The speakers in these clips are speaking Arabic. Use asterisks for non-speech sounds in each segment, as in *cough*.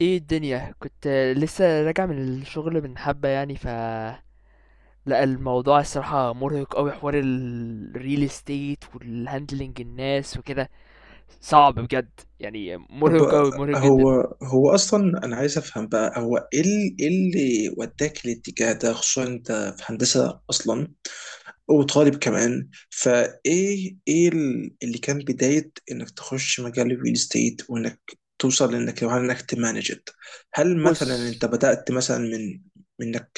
ايه الدنيا؟ كنت لسه راجع من الشغل من حبة يعني. لا الموضوع الصراحة مرهق قوي، حوار الريل استيت والهاندلنج الناس وكده. صعب بجد يعني، طب، مرهق قوي مرهق جدا. هو هو اصلا انا عايز افهم بقى هو ايه إيه اللي وداك الاتجاه ده، خصوصا انت في هندسه اصلا وطالب كمان. فايه ايه اللي كان بدايه انك تخش مجال الريل استيت، وانك توصل لانك لو انك تمانجت؟ هل مثلا بص. انت بدات مثلا من منك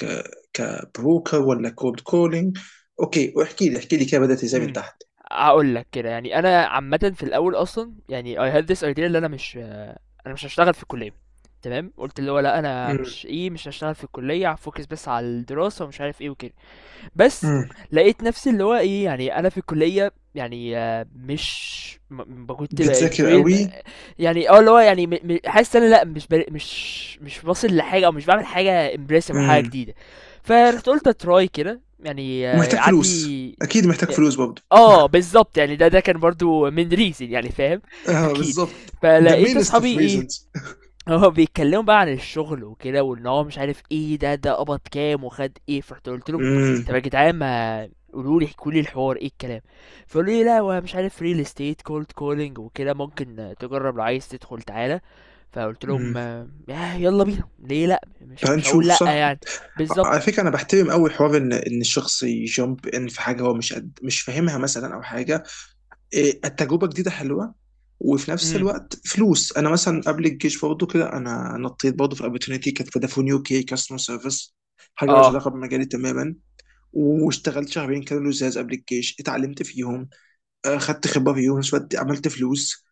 كبروكر ولا كولد كولينج؟ اوكي، واحكي لي احكي لي كده بدات ازاي من امم تحت. هقول لك كده يعني، انا عامة في الاول اصلا يعني I had this idea اللي انا مش هشتغل في الكلية. تمام، قلت اللي هو لا، انا امم مش هشتغل في الكلية، هفوكس بس على الدراسة ومش عارف ايه وكده. بس امم. لقيت نفسي اللي هو إيه، يعني أنا في الكلية يعني، مش م ب كنت بتذاكر بانجوي قوي، يعني، اللي هو يعني، م م حاسس إن أنا لأ، مش واصل لحاجة، أو مش باعمل حاجة impressive أو حاجة جديدة. فرُحت قُلت أtry كده يعني، ومحتاج فلوس عندي اكيد، محتاج ي فلوس برضه. بالضبط يعني، ده كان برضه من reason يعني، فاهم. *laughs* اه أكيد. بالظبط، ذا فلقيت مينست أصحابي اوف إيه، ريزونز. هو بيتكلموا بقى عن الشغل وكده، وان هو مش عارف ايه، ده قبض كام وخد ايه. فرحت قلت لهم طب امم يا جدعان، ما قولوا لي احكوا لي الحوار ايه الكلام. فقالوا لي لا، هو مش عارف، ريل استيت كولد كولينج وكده، ممكن تجرب، لو عايز تدخل تعالى. فقلت لهم، امم. يلا بينا، ليه لا؟ مش تعال مش هقول نشوف لا صح. يعني. على بالظبط. فكره انا بحترم قوي حوار ان الشخص يجامب ان في حاجه هو مش قد مش فاهمها مثلا، او حاجه إيه، التجربه جديده حلوه، وفي نفس امم. الوقت فلوس. انا مثلا قبل الجيش برضه كده انا نطيت برضه في اوبورتونيتي، كانت فودافون يو كي كاستمر سيرفيس. حاجه مالهاش اه. علاقه بمجالي تماما. واشتغلت شهرين كانوا لزاز قبل الجيش، اتعلمت فيهم آه، خدت خبره فيهم، في نفس الوقت عملت فلوس.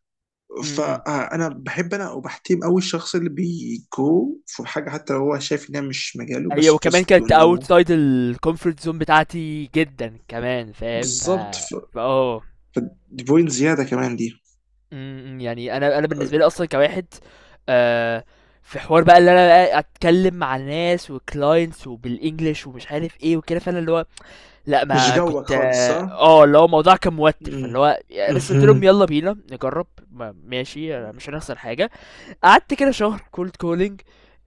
امم. فانا بحب وبحترم قوي الشخص اللي بيجو في حاجه حتى لو هو شايف انها مش مجاله، ايوه. بس وكمان just to كانت اوت know. سايد الكومفورت زون بتاعتي جدا كمان، فاهم؟ ف بالظبط ف- اه ف- دي بوينت زياده كمان دي. إمم، إمم، يعني أنا بالنسبة لي أصلًا كواحد، آآ، في حوار بقى اللي أنا بقى أتكلم مع ناس وclients وبالEnglish، ومش عارف إيه وكده. فأنا اللي هو لأ، مش ما جوك كنت، خالص صح؟ اللي هو الموضوع كان موتّر، مم. فاللي هو بس قُلت لهم مهم. يالّا بينا نجرّب، ما ماشي، مش هنخسر حاجة. قعدت كده شهر cold calling،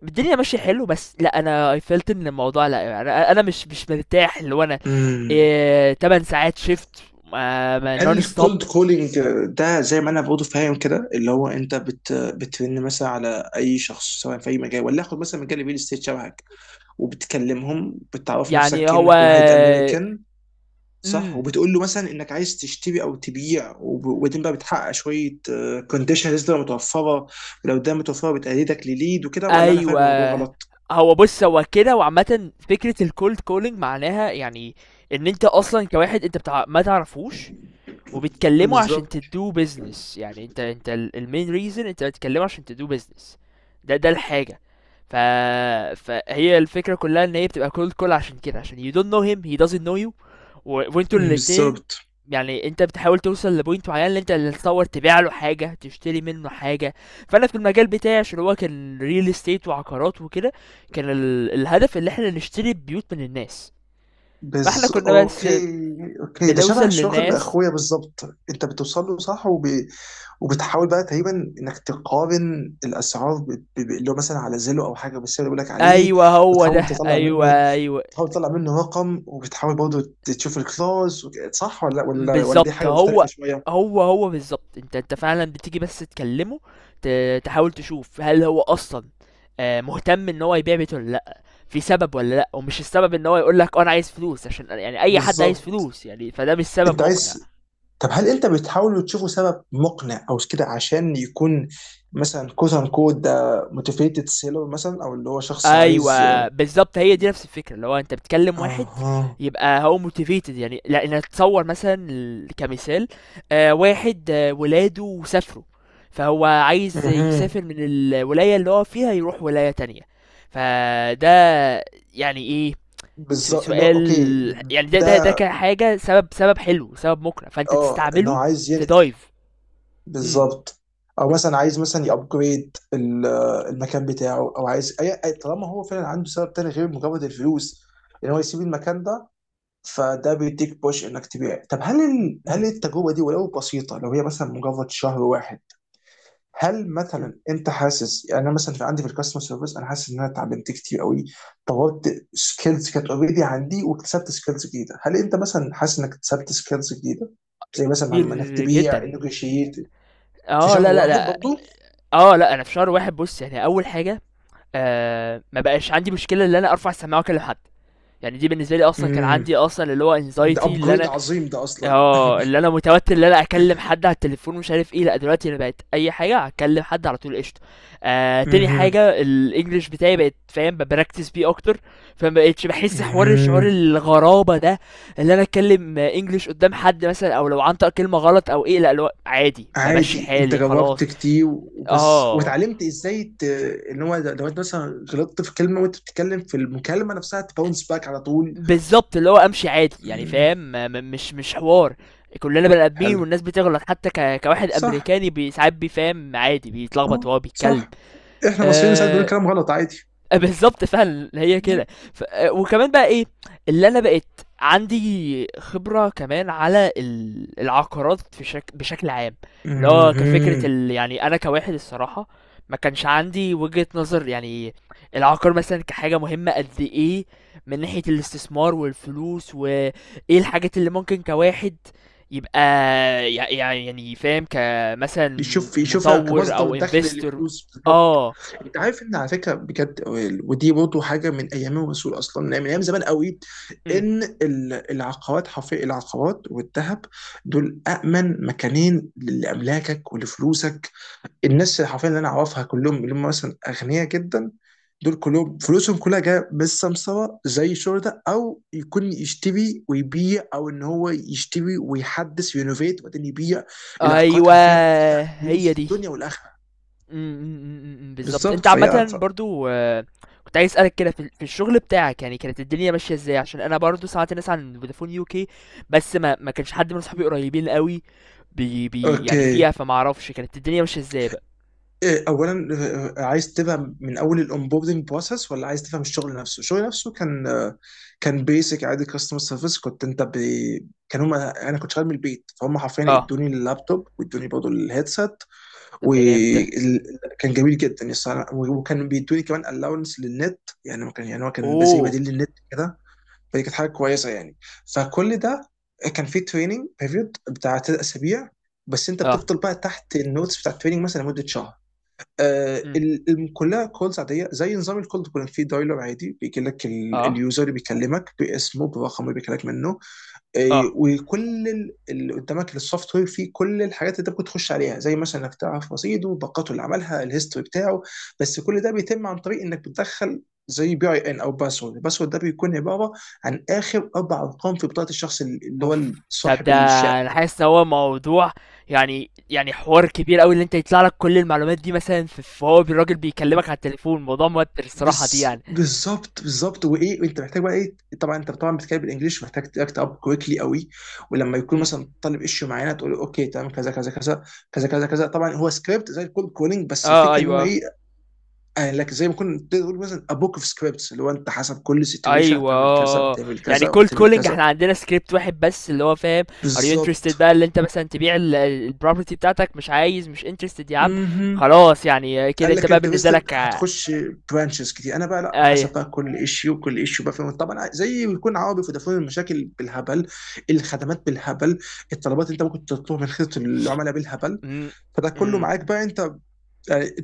الدنيا ماشية حلو، بس لأ أنا I felt إن الموضوع لأ، أنا أنا مش مرتاح، اللي هو أنا مم. 8 ساعات shift، ما non هل stop. الكولد كولينج ده زي ما انا برضه فاهم كده، اللي هو انت بترن مثلا على اي شخص سواء في اي مجال، ولا اخد مثلا مجال الريل استيت شبهك، وبتكلمهم بتعرف نفسك يعني هو. كانك واحد امريكان، صح؟ امم. وبتقول له مثلا انك عايز تشتري او تبيع، وبعدين بقى بتحقق شويه كونديشنز تبقى متوفره، ولو ده متوفره بتأيدك لليد وكده. ولا انا فاهم الموضوع ايوه. غلط؟ هو بص، هو كده. وعامة فكرة الكولد كولينج معناها يعني، ان انت اصلا كواحد انت بتاع ما تعرفوش، وبتكلمه عشان بالظبط تدوه بيزنس يعني، انت المين ريزن، انت بتكلمه عشان تدوه بيزنس. ده الحاجه. ف... فهي الفكره كلها ان هي بتبقى كولد كول، عشان كده عشان you don't know him he doesn't know you وانتوا الاتنين. بالظبط. يعني انت بتحاول توصل لبوينت معين، اللي انت اللي تصور، تبيع له حاجه تشتري منه حاجه. فانا في المجال بتاعي، عشان هو كان ريل استيت وعقارات وكده، كان الهدف اللي احنا نشتري بيوت من الناس. فاحنا كنا بس اوكي. اوكي، ده بنوصل شبه شغل للناس. اخويا بالظبط. انت بتوصل له صح وبتحاول بقى تقريبا انك تقارن الاسعار اللي هو مثلا على زيلو او حاجه، بالسعر اللي بيقول لك عليه. ايوه هو ده، وتحاول تطلع ايوه منه، ايوه. تحاول تطلع منه رقم، وبتحاول برضه تشوف الكلاوز صح، ولا دي بالظبط حاجه مختلفه هو شويه؟ هو هو بالظبط، انت فعلا بتيجي بس تكلمه، تحاول تشوف هل هو اصلا، مهتم ان هو يبيع بيته ولا لا، في سبب ولا لا. ومش السبب ان هو يقول لك انا عايز فلوس، عشان يعني اي حد عايز بالظبط. فلوس يعني، فده مش سبب انت مقنع. عايز، طب هل انت بتحاولوا تشوفوا سبب مقنع او كده، عشان يكون مثلا كوت ان كود ده موتيفيتد سيلر مثلا، او اللي هو شخص عايز. ايوه بالظبط، هي دي نفس الفكره، اللي هو انت بتكلم واحد اها. يبقى هو موتيفيتد يعني. لان اتصور مثلا، كمثال، واحد ولاده سافروا، فهو عايز اها يسافر من الولايه اللي هو فيها يروح ولايه تانية. فده يعني ايه، بالظبط، اللي هو سؤال. اوكي. يعني ده ده كان حاجه، سبب حلو، سبب مقنع، فانت اه ان هو تستعمله. عايز تدايف. امم. بالظبط. او مثلا عايز مثلا يابجريد المكان بتاعه، او عايز طالما هو فعلا عنده سبب تاني غير مجرد الفلوس ان هو يسيب المكان ده، فده بيديك بوش انك تبيع. طب هل هل امم. التجربه دي ولو بسيطه، لو هي مثلا مجرد شهر واحد، هل أمم. مثلا انت حاسس، يعني انا مثلا في عندي في الكاستمر سيرفيس انا حاسس ان انا اتعلمت كتير قوي، طورت سكيلز كانت اوريدي عندي، واكتسبت سكيلز جديده، هل انت مثلا حاسس انك اكتسبت سكيلز جديده زي مثلا كتير انك تبيع، جدا. نيجوشيت، في اه شهر لا لا واحد لا. برضه؟ اه لا، انا في شهر واحد بص يعني، اول حاجه، ما بقاش عندي مشكله ان انا ارفع السماعه واكلم حد، يعني دي بالنسبه لي، اصلا كان امم. عندي اصلا اللي هو ده انزايتي، اللي ابجريد انا عظيم ده اصلا. اه اللي انا متوتر ان انا اكلم حد على التليفون ومش عارف ايه، لا دلوقتي انا بقت اي حاجه اكلم حد على طول قشطه. تاني امم حاجه، الانجليش بتاعي بقت، فاهم، ببراكتس بيه اكتر، فما بقتش بحس حوار شعور امم. الغرابه ده، اللي انا اتكلم انجليش قدام حد مثلا، او لو عنطق كلمه غلط او ايه، لا لو عادي بمشي عادي، انت حالي جربت خلاص. كتير وبس اه واتعلمت ازاي ان هو لو انت مثلا غلطت في كلمه وانت بتتكلم في المكالمه نفسها تباونس باك على طول. بالظبط، اللي هو امشي عادي يعني، أمم. فاهم، مش حوار. كلنا بني ادمين حلو. والناس بتغلط، حتى كواحد صح. امريكاني، ساعات بيفهم عادي، بيتلخبط اه وهو بيتكلم. صح، احنا مصريين ساعات بنقول أه كلام غلط عادي. *laughs* بالظبط فعلا هي كده. ف... وكمان بقى ايه، اللي انا بقيت عندي خبرة كمان على العقارات في بشكل عام. اللي هو كفكرة أمم. يعني انا كواحد، الصراحة ما كانش عندي وجهة نظر يعني، العقار مثلا كحاجة مهمة قد ايه، من ناحية الاستثمار والفلوس، وايه الحاجات اللي ممكن كواحد يبقى، يعني فاهم، كمثلا يشوف، يشوفها مطور كمصدر او دخل انفستور. للفلوس بالضبط. اه. انت عارف ان على فكره بجد، ودي برضه حاجه من ايام الرسول اصلا، من ايام زمان قوي، إمم. ان العقارات، حرفيا العقارات والذهب، دول امن مكانين لاملاكك ولفلوسك. الناس حرفيا اللي انا اعرفها كلهم اللي هم مثلا اغنياء جدا، دول كلهم فلوسهم كلها جايه بالسمسره، زي الشرطه، او يكون يشتري ويبيع، او ان هو يشتري ويحدث وينوفيت وبعدين يبيع. العقارات أيوه. حرفيا فيها هي فلوس دي. الدنيا والاخره. إمم، إمم، إمم، إمم، بالضبط. بالظبط، أنت عامةً برضه، كنت عايز أسألك كده، في الشغل بتاعك يعني، كانت الدنيا ماشية إزاي؟ عشان أنا برضه سمعت ناس عن فودافون UK، بس ما كانش حد من صحابي قريبين أوي بي يعني اوكي. فيها، فما أعرفش كانت الدنيا ماشية إزاي بقى؟ إيه، اولا آه، عايز تفهم من اول الاونبوردنج بروسس، ولا عايز تفهم الشغل نفسه؟ الشغل نفسه كان آه، كان بيسك عادي كاستمر سيرفيس. كنت انت كان هم، انا كنت شغال من البيت، فهم حرفيا آه، ادوني اللابتوب وادوني برضه الهيدسيت، طب ده جامد ده. وكان جميل جدا الصراحة. وكان بيدوني كمان الاونس للنت، يعني ما كان، يعني هو كان زي أوه! بديل للنت كده، فدي كانت حاجه كويسه يعني. فكل ده كان فيه تريننج بيريود بتاع 3 اسابيع، بس انت آه، بتفضل بقى تحت النوتس بتاع التريننج مثلا لمده شهر. آه، إمم، كلها كولز عاديه زي نظام الكولد كولينج، في دايلر عادي بيجي لك آه، اليوزر اللي بيكلمك باسمه برقم اللي بيكلمك منه. آه، آه. وكل اللي قدامك السوفت وير فيه كل الحاجات اللي انت ممكن تخش عليها، زي مثلا انك تعرف رصيده، باقاته، اللي عملها، الهيستوري بتاعه. بس كل ده بيتم عن طريق انك بتدخل زي بي اي ان او باسورد، الباسورد ده بيكون عباره عن اخر 4 ارقام في بطاقه الشخص اللي هو اوف، طب صاحب ده انا الشقه. حاسس ان هو موضوع يعني حوار كبير قوي، اللي انت يطلع لك كل المعلومات دي مثلا، فهو الراجل بيكلمك على التليفون، موضوع موتر الصراحة دي بس. يعني. بالظبط. وايه، وانت محتاج بقى ايه، طبعا انت طبعا بتتكلم بالانجلش، محتاج تاكت اب كويكلي قوي. ولما يكون امم. مثلا طالب ايشيو معينه تقول له اوكي تمام، كذا كذا كذا كذا كذا كذا. طبعا هو سكريبت زي الكول كولينج، بس اه. الفكره ان هو ايوه ايه آه، لك زي ما كنت تقول مثلا ابوك اوف سكريبتس، اللي هو انت حسب كل سيتويشن ايوه هتعمل كذا، آه. وهتعمل يعني كذا، كولد وهتعمل كولينج احنا كذا. عندنا سكريبت واحد بس، اللي هو فاهم، ار يو انترستد بالظبط. بقى، اللي انت مثلا تبيع البروبرتي بتاعتك، مش عايز، مش انترستد يا عم، مهم. خلاص يعني، كده قال انت لك بقى بالنسبة انترستد لك هتخش برانشز كتير. انا بقى لا، ايوه. حسب بقى كل ايشيو، كل ايشيو بقى فاهم. طبعا زي بيكون عربي فودافون، المشاكل بالهبل، الخدمات بالهبل، الطلبات اللي انت ممكن تطلبها من خدمه العملاء بالهبل، امم. فده كله امم. معاك بقى انت.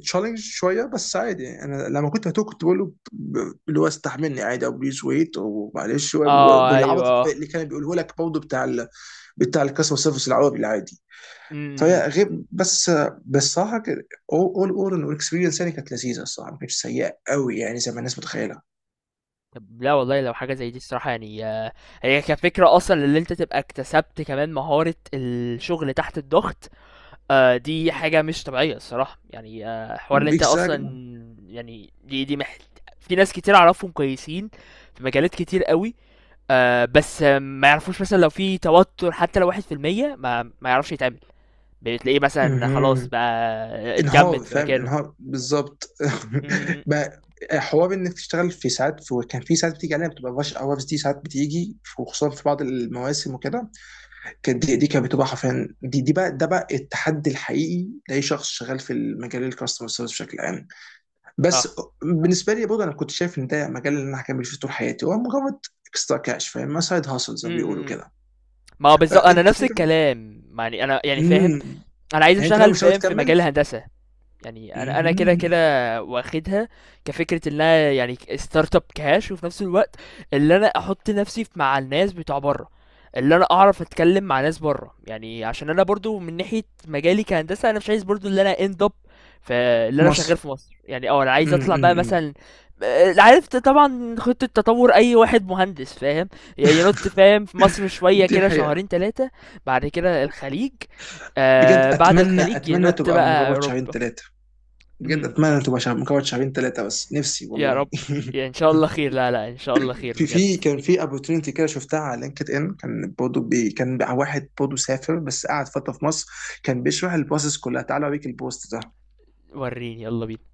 تشالنج شويه بس عادي يعني. انا لما كنت هتوه كنت بقول له اللي هو استحملني عادي، او بليز ويت ومعلش، اه والعبط ايوه. اللي كان بيقوله لك برضه بتاع بتاع الكاستمر سيرفيس العربي العادي. امم. فهي غير بس. بس صراحه كده، اول انه الاكسبيرينس يعني كانت لذيذه الصراحه، ما كانتش سيئه قوي يعني زي ما الناس متخيله. طب لا والله، لو حاجة زي دي الصراحة يعني، هي كفكرة أصلا اللي أنت تبقى اكتسبت كمان مهارة الشغل تحت الضغط، دي حاجة مش طبيعية الصراحة يعني، حوار اللي أنت أصلا اكزاكت. يعني، دي دي في ناس كتير أعرفهم كويسين في مجالات كتير قوي، بس ما يعرفوش مثلا لو في توتر، حتى لو واحد في المية ما يعرفش يتعامل، بتلاقيه مثلا خلاص بقى انهار، اتجمد في فاهم، مكانه. انهار بالظبط. م- *laughs* م- ما- حوار انك تشتغل في ساعات، في كان في ساعات بتيجي علينا بتبقى رش اورز، دي ساعات بتيجي وخصوصا في بعض المواسم وكده، كانت دي كانت بتبقى حرفيا، دي بقى، ده بقى التحدي الحقيقي لاي شخص شغال في المجال، الكاستمر سيرفيس بشكل عام. بس اه. بالنسبه لي برضه انا كنت شايف ان ده مجال اللي انا هكمل فيه طول حياتي، هو مجرد اكسترا كاش، فاهم، سايد هاسل م- زي ما بيقولوا م- م. كده. ما هو بالظبط، آه، انا انت نفس تقريبا الكلام يعني، انا يعني فاهم، امم، انا عايز يعني انت ناوي اشتغل، مش ناوي فاهم، في تكمل؟ مجال الهندسه، يعني انا كده كده مهم. واخدها، كفكره ان انا يعني ستارت اب كاش، وفي نفس الوقت اللي انا احط نفسي مع الناس بتوع بره، اللي انا اعرف اتكلم مع ناس بره يعني، عشان انا برضو من ناحيه مجالي كهندسه انا مش عايز برضو اللي انا اند اب في، اللي في انا شغال مصر. في مصر يعني، انا عايز امم اطلع بقى امم مثلا، عارف، طبعا خطه تطور اي واحد مهندس، فاهم، يعني ينط فاهم في مصر شويه دي كده حقيقة. شهرين ثلاثه، بعد كده الخليج، بجد بعد أتمنى، الخليج أتمنى ينط تبقى بقى مجرد شهرين اوروبا. ثلاثة. بجد *laughs* أتمنى تبقى شهر، مجرد شهرين ثلاثة بس، نفسي يا والله. رب، يا ان شاء الله *laughs* خير، لا لا، ان شاء الله خير في بجد. كان في opportunity كده شفتها على لينكد ان، كان برضه كان واحد برضه سافر بس قعد فتره في مصر، كان بيشرح البروسيس كلها. تعالى اوريك البوست ده. وريني يلا بينا.